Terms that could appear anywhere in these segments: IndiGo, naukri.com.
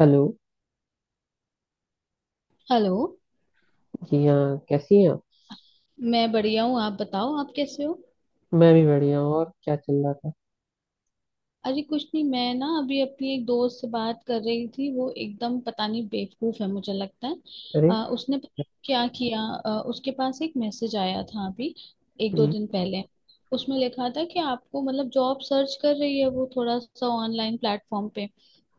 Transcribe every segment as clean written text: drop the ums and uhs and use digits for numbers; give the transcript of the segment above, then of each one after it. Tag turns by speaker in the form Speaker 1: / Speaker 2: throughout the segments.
Speaker 1: Hello.
Speaker 2: Hello.
Speaker 1: जी हाँ, कैसी हैं आप?
Speaker 2: मैं बढ़िया हूँ, आप बताओ, आप कैसे हो?
Speaker 1: मैं भी बढ़िया हूँ। और क्या चल रहा था?
Speaker 2: अरे कुछ नहीं, मैं ना अभी अपनी एक दोस्त से बात कर रही थी। वो एकदम पता नहीं बेवकूफ है मुझे लगता है।
Speaker 1: अरे।
Speaker 2: उसने पता नहीं क्या किया। उसके पास एक मैसेज आया था अभी एक
Speaker 1: जी।
Speaker 2: दो दिन पहले। उसमें लिखा था कि आपको मतलब जॉब सर्च कर रही है वो, थोड़ा सा ऑनलाइन प्लेटफॉर्म पे।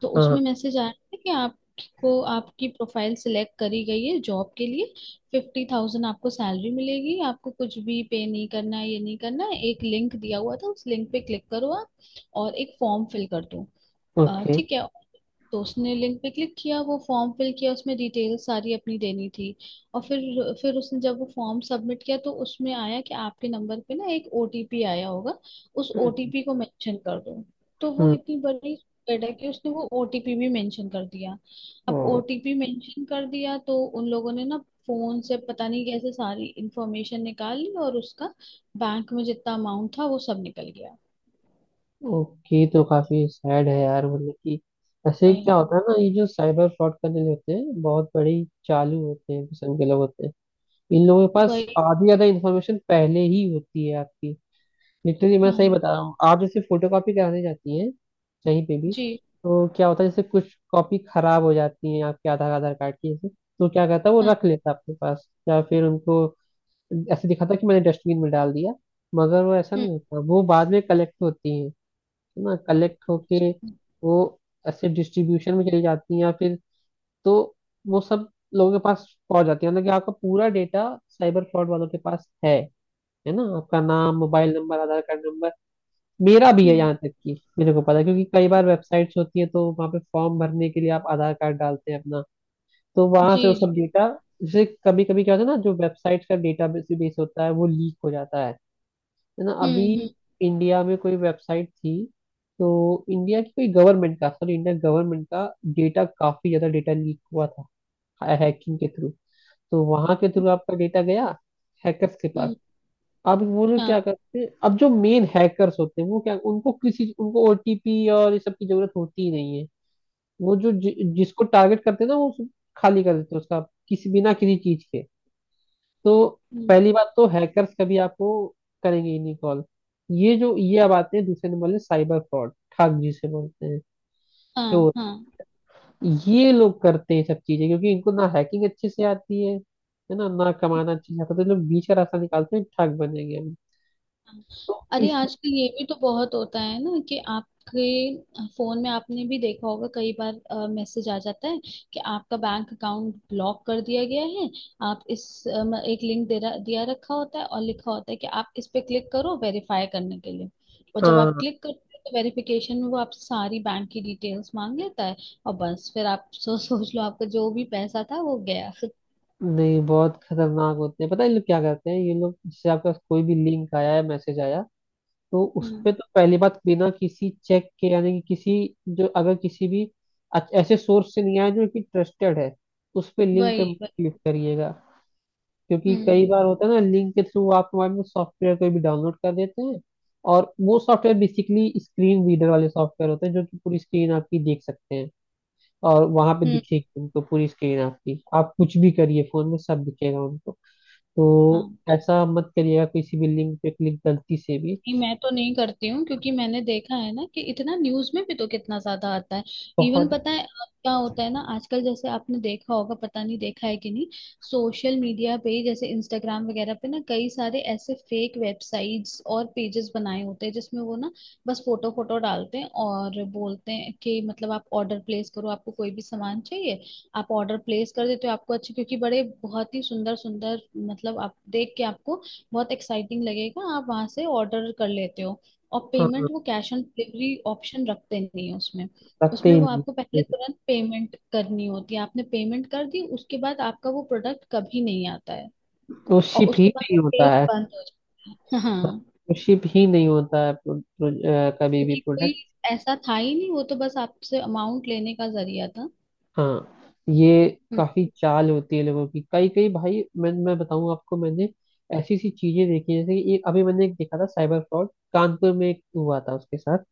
Speaker 2: तो
Speaker 1: हाँ, हाँ।
Speaker 2: उसमें मैसेज आया था कि आपको, आपकी प्रोफाइल सिलेक्ट करी गई है जॉब के लिए। 50,000 आपको सैलरी मिलेगी, आपको कुछ भी पे नहीं करना है, ये नहीं करना है। एक लिंक दिया हुआ था, उस लिंक पे क्लिक करो आप और एक फॉर्म फिल कर दूँ।
Speaker 1: ओके।
Speaker 2: ठीक है। तो उसने लिंक पे क्लिक किया, वो फॉर्म फिल किया, उसमें डिटेल सारी अपनी देनी थी। और फिर उसने जब वो फॉर्म सबमिट किया तो उसमें आया कि आपके नंबर पे ना एक ओटीपी आया होगा, उस ओटीपी को मेंशन कर दो। तो वो
Speaker 1: हम्म।
Speaker 2: इतनी बड़ी स्प्रेड है कि उसने वो ओटीपी भी मेंशन कर दिया। अब
Speaker 1: ओ,
Speaker 2: ओटीपी मेंशन कर दिया तो उन लोगों ने ना फोन से पता नहीं कैसे सारी इंफॉर्मेशन निकाल ली और उसका बैंक में जितना अमाउंट था वो सब निकल गया।
Speaker 1: ओके, तो काफी सैड है यार। मतलब कि ऐसे क्या
Speaker 2: वही
Speaker 1: होता है ना, ये जो साइबर फ्रॉड करने जो होते हैं, बहुत बड़ी चालू होते हैं, किस्म के लोग होते हैं। इन लोगों के पास
Speaker 2: वही।
Speaker 1: आधी ज्यादा इन्फॉर्मेशन पहले ही होती है आपकी। नित्य जी, मैं सही
Speaker 2: हाँ।
Speaker 1: बता रहा हूँ। आप जैसे फोटो कॉपी कराने जाती हैं कहीं पे भी,
Speaker 2: जी
Speaker 1: तो क्या होता है, जैसे कुछ कॉपी खराब हो जाती है आपके आधार आधार कार्ड की जैसे, तो क्या करता है वो
Speaker 2: हाँ।
Speaker 1: रख लेता है अपने पास, या फिर उनको ऐसे दिखाता है कि मैंने डस्टबिन में डाल दिया। मगर वो ऐसा
Speaker 2: हम्म।
Speaker 1: नहीं होता, वो बाद में कलेक्ट होती है ना, कलेक्ट होके
Speaker 2: हम्म।
Speaker 1: वो ऐसे डिस्ट्रीब्यूशन में चली जाती है, या फिर, तो वो सब लोगों के पास पहुंच जाती है, मतलब कि आपका पूरा डेटा साइबर फ्रॉड वालों के पास है ना? आपका नाम, mobile number, Aadhaar card number, मेरा भी है
Speaker 2: हम्म,
Speaker 1: यहाँ तक कि मेरे को पता है, क्योंकि कई बार वेबसाइट्स होती है तो वहाँ पे फॉर्म भरने के लिए आप आधार कार्ड डालते हैं अपना, तो वहां
Speaker 2: जी
Speaker 1: से वो
Speaker 2: जी।
Speaker 1: सब डेटा, जैसे कभी कभी क्या होता है ना, जो वेबसाइट का डेटा बेस होता है वो लीक हो जाता है। है ना,
Speaker 2: हम्म।
Speaker 1: अभी
Speaker 2: हम्म।
Speaker 1: इंडिया में कोई वेबसाइट थी, तो इंडिया की कोई गवर्नमेंट का, सॉरी, इंडिया गवर्नमेंट का डेटा, काफी ज्यादा डेटा लीक हुआ था, हैकिंग के थ्रू, तो वहां के थ्रू आपका डेटा गया हैकर्स के पास।
Speaker 2: हम्म।
Speaker 1: अब वो लोग
Speaker 2: हाँ।
Speaker 1: क्या करते हैं, अब जो मेन हैकर्स होते हैं, वो क्या, उनको किसी, उनको ओटीपी और ये सब की जरूरत होती ही नहीं है। वो जो जिसको टारगेट करते हैं ना, वो खाली कर देते हैं उसका, किसी बिना किसी चीज के। तो
Speaker 2: हम्म।
Speaker 1: पहली बात तो हैकर्स कभी आपको करेंगे ही नहीं कॉल। ये जो, ये अब आते हैं दूसरे नंबर में साइबर फ्रॉड, ठग जिसे बोलते हैं।
Speaker 2: हाँ
Speaker 1: तो
Speaker 2: हाँ।
Speaker 1: ये लोग करते हैं सब चीजें, क्योंकि इनको ना हैकिंग अच्छे से आती है ना, ना कमाना अच्छे से आता है, तो ये लोग बीच का रास्ता निकालते हैं, ठग बनेंगे हम, तो
Speaker 2: अरे
Speaker 1: इस।
Speaker 2: आजकल ये भी तो बहुत होता है ना कि आपके फोन में, आपने भी देखा होगा कई बार, मैसेज आ जाता है कि आपका बैंक अकाउंट ब्लॉक कर दिया गया है। आप इस एक लिंक दिया रखा होता है और लिखा होता है कि आप इस पे क्लिक करो वेरीफाई करने के लिए। और जब आप
Speaker 1: हाँ।
Speaker 2: क्लिक करते हो तो वेरिफिकेशन में वो आपसे सारी बैंक की डिटेल्स मांग लेता है। और बस फिर आप सोच लो आपका जो भी पैसा था वो गया।
Speaker 1: नहीं, बहुत खतरनाक होते हैं, पता है? ये लोग क्या करते हैं, ये लोग जैसे आपके पास कोई भी लिंक आया है, मैसेज आया, तो उस पे
Speaker 2: हम्म।
Speaker 1: तो पहली बात बिना किसी चेक के, यानी कि किसी, जो अगर किसी भी ऐसे सोर्स से नहीं आया जो कि ट्रस्टेड है, उस पे लिंक
Speaker 2: वही
Speaker 1: पे
Speaker 2: वही।
Speaker 1: क्लिक करिएगा। क्योंकि कई
Speaker 2: हम्म।
Speaker 1: बार होता है ना, लिंक के थ्रू आप मोबाइल में सॉफ्टवेयर कोई भी डाउनलोड कर देते हैं, और वो सॉफ्टवेयर बेसिकली स्क्रीन रीडर वाले सॉफ्टवेयर होते हैं, जो कि पूरी स्क्रीन आपकी देख सकते हैं, और वहां पे
Speaker 2: हम्म।
Speaker 1: दिखेगी उनको पूरी स्क्रीन आपकी, आप कुछ भी करिए फोन में सब दिखेगा उनको। तो
Speaker 2: हाँ।
Speaker 1: ऐसा मत करिएगा किसी भी लिंक पे क्लिक गलती से भी।
Speaker 2: नहीं, मैं तो नहीं करती हूँ क्योंकि मैंने देखा है ना कि इतना न्यूज में भी तो कितना ज्यादा आता है। इवन
Speaker 1: बहुत।
Speaker 2: पता है अब क्या होता है ना, आजकल, जैसे आपने देखा होगा, पता नहीं देखा है कि नहीं, सोशल मीडिया पे जैसे इंस्टाग्राम वगैरह पे ना कई सारे ऐसे फेक वेबसाइट्स और पेजेस बनाए होते हैं जिसमें वो ना बस फोटो फोटो डालते हैं और बोलते हैं कि मतलब आप ऑर्डर प्लेस करो, आपको कोई भी सामान चाहिए आप ऑर्डर प्लेस कर देते हो। आपको अच्छे क्योंकि बड़े बहुत ही सुंदर सुंदर, मतलब आप देख के आपको बहुत एक्साइटिंग लगेगा, आप वहां से ऑर्डर कर लेते हो। और
Speaker 1: हाँ,
Speaker 2: पेमेंट वो कैश ऑन डिलीवरी ऑप्शन रखते नहीं है उसमें।
Speaker 1: रखते
Speaker 2: उसमें
Speaker 1: ही
Speaker 2: वो
Speaker 1: नहीं।
Speaker 2: आपको पहले तुरंत पेमेंट करनी होती है, आपने पेमेंट कर दी उसके बाद आपका वो प्रोडक्ट कभी नहीं आता है।
Speaker 1: तो
Speaker 2: और
Speaker 1: शिप ही
Speaker 2: उसके बाद
Speaker 1: नहीं
Speaker 2: वो
Speaker 1: होता
Speaker 2: पेज
Speaker 1: है।
Speaker 2: बंद हो जाता है। हाँ।
Speaker 1: तो शिप ही नहीं होता है प्रो, प्रो, कभी भी
Speaker 2: क्योंकि कोई
Speaker 1: प्रोडक्ट।
Speaker 2: ऐसा था ही नहीं, वो तो बस आपसे अमाउंट लेने का जरिया था।
Speaker 1: हाँ, ये
Speaker 2: हम्म।
Speaker 1: काफी चाल होती है लोगों की, कई कई भाई, मैं बताऊं आपको, मैंने ऐसी ऐसी चीजें देखी हैं, जैसे कि एक अभी मैंने एक देखा था, साइबर फ्रॉड कानपुर में एक हुआ था उसके साथ।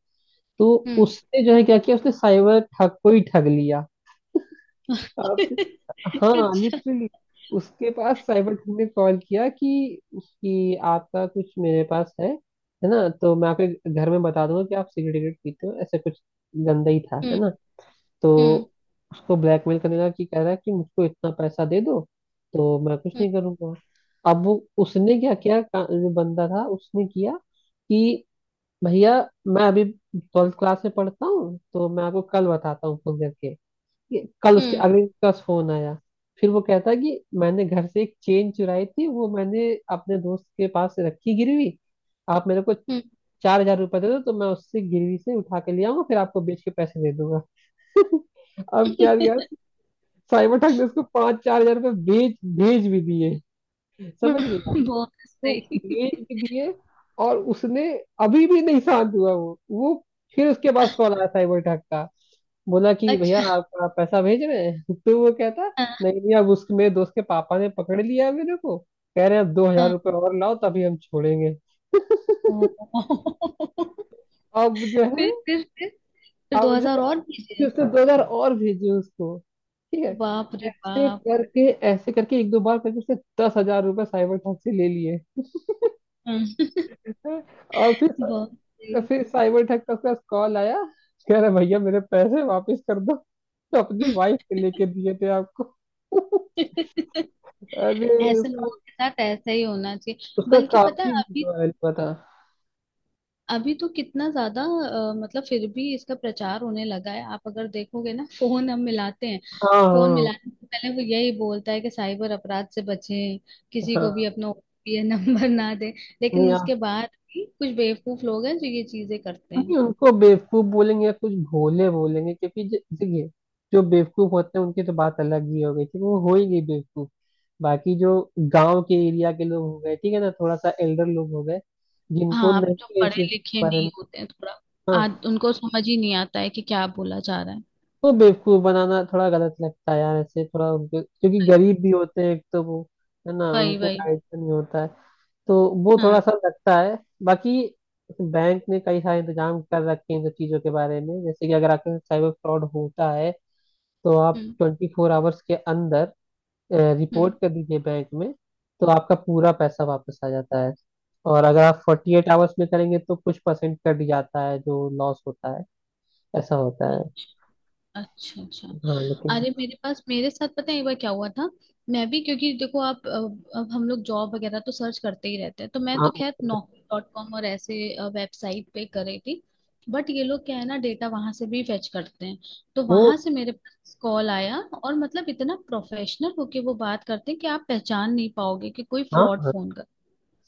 Speaker 1: तो
Speaker 2: हम्म।
Speaker 1: उसने जो है क्या किया, उसने साइबर ठग को ही ठग लिया। आप। हाँ,
Speaker 2: अच्छा।
Speaker 1: लिटरली। उसके पास साइबर टीम ने कॉल किया कि आपका कुछ मेरे पास है ना, तो मैं आपके घर में बता दूंगा कि आप सिगरेट विगरेट पीते हो, ऐसा कुछ गंदा ही था, है
Speaker 2: हम्म।
Speaker 1: ना। तो
Speaker 2: हम्म।
Speaker 1: उसको ब्लैकमेल करने लगा, कि कह रहा है कि मुझको इतना पैसा दे दो, तो मैं कुछ
Speaker 2: हम्म।
Speaker 1: नहीं करूंगा। अब वो, उसने क्या किया, जो बंदा था उसने किया कि भैया, मैं अभी 12th क्लास में पढ़ता हूँ, तो मैं आपको कल बताता हूँ फोन करके। ये कल, उसके
Speaker 2: हम्म।
Speaker 1: अगले दिन का फोन आया। फिर वो कहता है कि मैंने घर से एक चेन चुराई थी, वो मैंने अपने दोस्त के पास रखी गिरवी, आप मेरे को
Speaker 2: हम्म।
Speaker 1: 4,000 रुपये दे दो, तो मैं उससे गिरवी से उठा के ले आऊंगा, फिर आपको बेच के पैसे दे दूंगा। अब क्या यार। साइबर ठग ने उसको पांच 4,000 रुपये बेच भेज भी दिए। समझ रही आप?
Speaker 2: बहुत
Speaker 1: तो भेज
Speaker 2: सही।
Speaker 1: भी दिए। और उसने, अभी भी नहीं शांत हुआ, वो फिर उसके पास कॉल आया साइबर ठग का। बोला कि भैया,
Speaker 2: अच्छा।
Speaker 1: आपका पैसा भेज रहे हैं। तो वो कहता,
Speaker 2: हाँ।
Speaker 1: नहीं नहीं, अब उसके, मेरे दोस्त के पापा ने पकड़ लिया है मेरे को, कह रहे हैं अब दो हजार
Speaker 2: हाँ।
Speaker 1: रुपये और लाओ तभी हम छोड़ेंगे।
Speaker 2: ओ
Speaker 1: अब जो है
Speaker 2: फिर फिर
Speaker 1: अब
Speaker 2: दो
Speaker 1: जो
Speaker 2: हजार
Speaker 1: है
Speaker 2: और
Speaker 1: कि
Speaker 2: दीजिए।
Speaker 1: उसने 2,000 और भेजे उसको। ठीक
Speaker 2: तो
Speaker 1: है।
Speaker 2: बाप रे
Speaker 1: ऐसे
Speaker 2: बाप।
Speaker 1: करके ऐसे करके एक दो बार करके उसने 10,000 रुपये साइबर ठग से ले लिए।
Speaker 2: हम्म,
Speaker 1: और फिर
Speaker 2: बहुत सही।
Speaker 1: फिर साइबर ठग का उसके पास कॉल आया। कह रहा भैया मेरे पैसे वापस कर दो, तो अपनी वाइफ के लेके दिए थे आपको। अरे।
Speaker 2: ऐसे लोगों के साथ ऐसा ही होना चाहिए।
Speaker 1: उसका
Speaker 2: बल्कि पता
Speaker 1: काफी
Speaker 2: है अभी
Speaker 1: वीडियो
Speaker 2: तो,
Speaker 1: वायरल हुआ था।
Speaker 2: अभी तो कितना ज्यादा मतलब फिर भी इसका प्रचार होने लगा है। आप अगर देखोगे ना, फोन हम मिलाते हैं,
Speaker 1: हाँ,
Speaker 2: फोन
Speaker 1: हाँ,
Speaker 2: मिलाने से पहले वो यही बोलता है कि साइबर अपराध से बचें, किसी को भी
Speaker 1: हाँ।
Speaker 2: अपना ओटीपी नंबर ना दें। लेकिन
Speaker 1: नहीं आप।
Speaker 2: उसके बाद भी कुछ बेवकूफ लोग हैं जो ये चीजें करते हैं।
Speaker 1: नहीं, उनको बेवकूफ बोलेंगे या कुछ भोले बोलेंगे, क्योंकि देखिए, जो बेवकूफ होते हैं उनकी तो बात अलग ही हो गई, ठीक है, वो हो ही गई बेवकूफ। बाकी जो गांव के एरिया के लोग हो गए, ठीक है ना, थोड़ा सा एल्डर लोग हो गए, जिनको
Speaker 2: हाँ, आप
Speaker 1: नहीं
Speaker 2: जो
Speaker 1: है इस
Speaker 2: पढ़े
Speaker 1: चीज के
Speaker 2: लिखे
Speaker 1: बारे में।
Speaker 2: नहीं होते हैं थोड़ा, आज
Speaker 1: हाँ,
Speaker 2: उनको समझ ही नहीं आता है कि क्या बोला जा रहा है।
Speaker 1: वो बेवकूफ बनाना थोड़ा गलत लगता है यार, ऐसे थोड़ा उनके, क्योंकि गरीब भी होते हैं एक तो वो, है ना,
Speaker 2: वही
Speaker 1: उनको
Speaker 2: वही वही।
Speaker 1: आइडिया नहीं होता है। तो वो थोड़ा
Speaker 2: हाँ।
Speaker 1: सा लगता है। बाकी बैंक ने कई सारे इंतजाम कर रखे हैं इन सब चीजों के बारे में, जैसे कि अगर आपके साइबर फ्रॉड होता है, तो आप
Speaker 2: हम्म।
Speaker 1: 24 आवर्स के अंदर रिपोर्ट
Speaker 2: हम्म।
Speaker 1: कर दीजिए बैंक में, तो आपका पूरा पैसा वापस आ जाता है। और अगर आप 48 आवर्स में करेंगे तो कुछ परसेंट कट जाता है, जो लॉस होता है, ऐसा होता है।
Speaker 2: अच्छा अच्छा।
Speaker 1: हाँ, लेकिन।
Speaker 2: अरे मेरे पास, मेरे साथ पता है एक बार क्या हुआ था। मैं भी, क्योंकि देखो आप, अब हम लोग जॉब वगैरह तो सर्च करते ही रहते हैं, तो मैं
Speaker 1: हाँ,
Speaker 2: तो खैर नौकरी डॉट कॉम और ऐसे वेबसाइट पे कर रही थी। बट ये लोग क्या है ना, डेटा वहां से भी फेच करते हैं। तो
Speaker 1: वो।
Speaker 2: वहां से मेरे पास कॉल आया और मतलब इतना प्रोफेशनल होके वो बात करते हैं कि आप पहचान नहीं पाओगे कि कोई
Speaker 1: हाँ,
Speaker 2: फ्रॉड फोन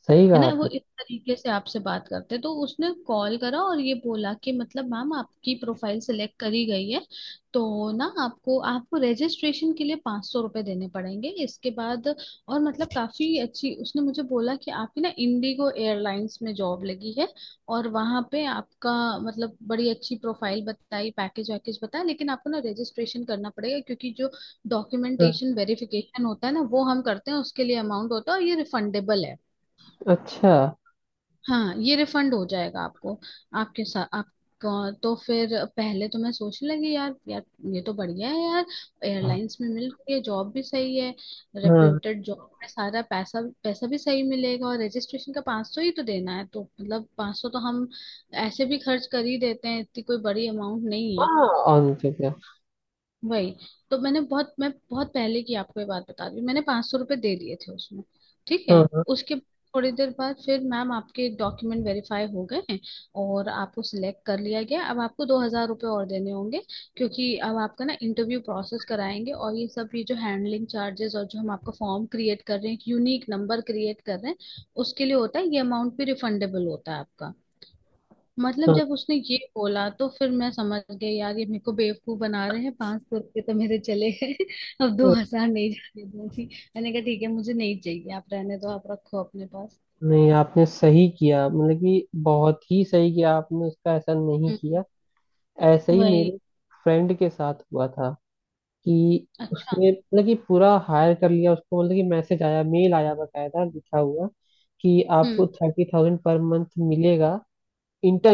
Speaker 1: सही
Speaker 2: है,
Speaker 1: कहा
Speaker 2: ना वो
Speaker 1: आपने।
Speaker 2: इस तरीके से आपसे बात करते हैं। तो उसने कॉल करा और ये बोला कि मतलब मैम आपकी प्रोफाइल सिलेक्ट करी गई है। तो ना आपको, आपको रजिस्ट्रेशन के लिए 500 रुपये देने पड़ेंगे इसके बाद। और मतलब काफी अच्छी, उसने मुझे बोला कि आपकी ना इंडिगो एयरलाइंस में जॉब लगी है। और वहां पे आपका, मतलब बड़ी अच्छी प्रोफाइल बताई, पैकेज वैकेज बताया। लेकिन आपको ना रजिस्ट्रेशन करना पड़ेगा क्योंकि जो
Speaker 1: हाँ,
Speaker 2: डॉक्यूमेंटेशन वेरिफिकेशन होता है ना वो हम करते हैं, उसके लिए अमाउंट होता है, और ये रिफंडेबल है।
Speaker 1: अच्छा।
Speaker 2: हाँ, ये रिफंड हो जाएगा आपको, आपके साथ आपका। तो फिर पहले तो मैं सोचने लगी, यार यार, ये तो बढ़िया है यार, एयरलाइंस में मिल रही है जॉब, भी सही है,
Speaker 1: हाँ,
Speaker 2: रेप्यूटेड जॉब में सारा पैसा, पैसा भी सही मिलेगा और रजिस्ट्रेशन का 500 ही तो देना है। तो मतलब 500 तो हम ऐसे भी खर्च कर ही देते हैं, इतनी कोई बड़ी अमाउंट नहीं।
Speaker 1: हाँ। ऑन तो क्या?
Speaker 2: वही। तो मैं बहुत पहले की आपको ये बात बता रही हूँ, मैंने 500 रुपये दे दिए थे उसमें। ठीक है।
Speaker 1: हाँ, हाँ,
Speaker 2: उसके थोड़ी देर बाद फिर, मैम आपके डॉक्यूमेंट वेरीफाई हो गए हैं और आपको सिलेक्ट कर लिया गया, अब आपको 2,000 रुपये और देने होंगे। क्योंकि अब आपका ना इंटरव्यू प्रोसेस कराएंगे और ये सब, ये जो हैंडलिंग चार्जेस और जो हम आपका फॉर्म क्रिएट कर रहे हैं, एक यूनिक नंबर क्रिएट कर रहे हैं, उसके लिए होता है, ये अमाउंट भी रिफंडेबल होता है आपका। मतलब
Speaker 1: हाँ।
Speaker 2: जब उसने ये बोला तो फिर मैं समझ गई यार ये मेरे को बेवकूफ बना रहे हैं, 500 रुपये तो मेरे चले गए। अब 2,000 नहीं जाने दूंगी। मैंने कहा ठीक है मुझे नहीं चाहिए, आप रहने दो, आप रखो अपने पास।
Speaker 1: नहीं, आपने सही किया, मतलब कि बहुत ही सही किया आपने, उसका ऐसा नहीं
Speaker 2: हम्म।
Speaker 1: किया। ऐसा ही
Speaker 2: वही।
Speaker 1: मेरे फ्रेंड के साथ हुआ था, कि
Speaker 2: अच्छा।
Speaker 1: उसने मतलब कि पूरा हायर कर लिया उसको, मतलब कि मैसेज आया, मेल आया, बकायदा लिखा हुआ कि आपको
Speaker 2: हम्म।
Speaker 1: 30,000 पर मंथ मिलेगा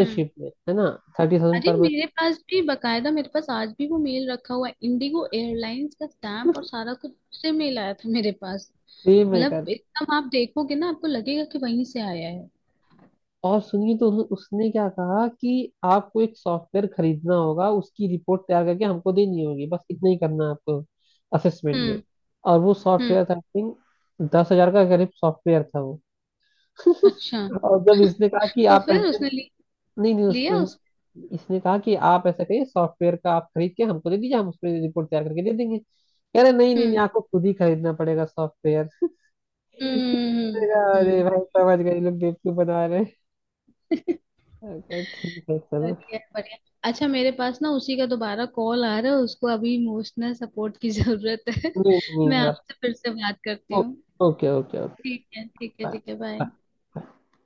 Speaker 2: हम्म।
Speaker 1: में, है ना, 30,000
Speaker 2: अरे
Speaker 1: पर मंथ।
Speaker 2: मेरे पास भी बकायदा, मेरे पास आज भी वो मेल रखा हुआ है, इंडिगो एयरलाइंस का स्टैंप और सारा कुछ से मेल आया था मेरे पास।
Speaker 1: सेम है।
Speaker 2: मतलब एकदम आप देखोगे ना आपको लगेगा कि वहीं से आया है।
Speaker 1: और सुनिए, तो उसने क्या कहा कि आपको एक सॉफ्टवेयर खरीदना होगा, उसकी रिपोर्ट तैयार करके हमको देनी होगी, बस इतना ही करना है आपको, असेसमेंट में।
Speaker 2: हम्म।
Speaker 1: और वो
Speaker 2: हम्म।
Speaker 1: सॉफ्टवेयर था आई थिंक, 10,000 का करीब सॉफ्टवेयर था वो।
Speaker 2: अच्छा।
Speaker 1: और जब इसने कहा कि
Speaker 2: तो
Speaker 1: आप
Speaker 2: फिर
Speaker 1: ऐसे,
Speaker 2: उसने
Speaker 1: नहीं नहीं
Speaker 2: लिया उस।
Speaker 1: इसने कहा कि आप ऐसा करिए, सॉफ्टवेयर का आप खरीद के हमको दे दीजिए, हम उस पर रिपोर्ट तैयार करके दे देंगे। कह रहे, नहीं नहीं नहीं,
Speaker 2: हम्म।
Speaker 1: आपको खुद ही खरीदना पड़ेगा सॉफ्टवेयर।
Speaker 2: हम्म।
Speaker 1: अरे
Speaker 2: हम्म,
Speaker 1: भाई, समझ गए ये लोग बेवकूफ बना रहे हैं।
Speaker 2: हम्म।
Speaker 1: मैंने कहा, ठीक है चलो।
Speaker 2: बढ़िया बढ़िया। अच्छा मेरे पास ना उसी का दोबारा कॉल आ रहा है, उसको अभी इमोशनल सपोर्ट की जरूरत है।
Speaker 1: नहीं
Speaker 2: मैं
Speaker 1: नहीं।
Speaker 2: आपसे फिर से बात करती
Speaker 1: ओ-
Speaker 2: हूँ।
Speaker 1: Okay, okay, okay.
Speaker 2: ठीक है, ठीक है,
Speaker 1: बाय।
Speaker 2: ठीक है, बाय।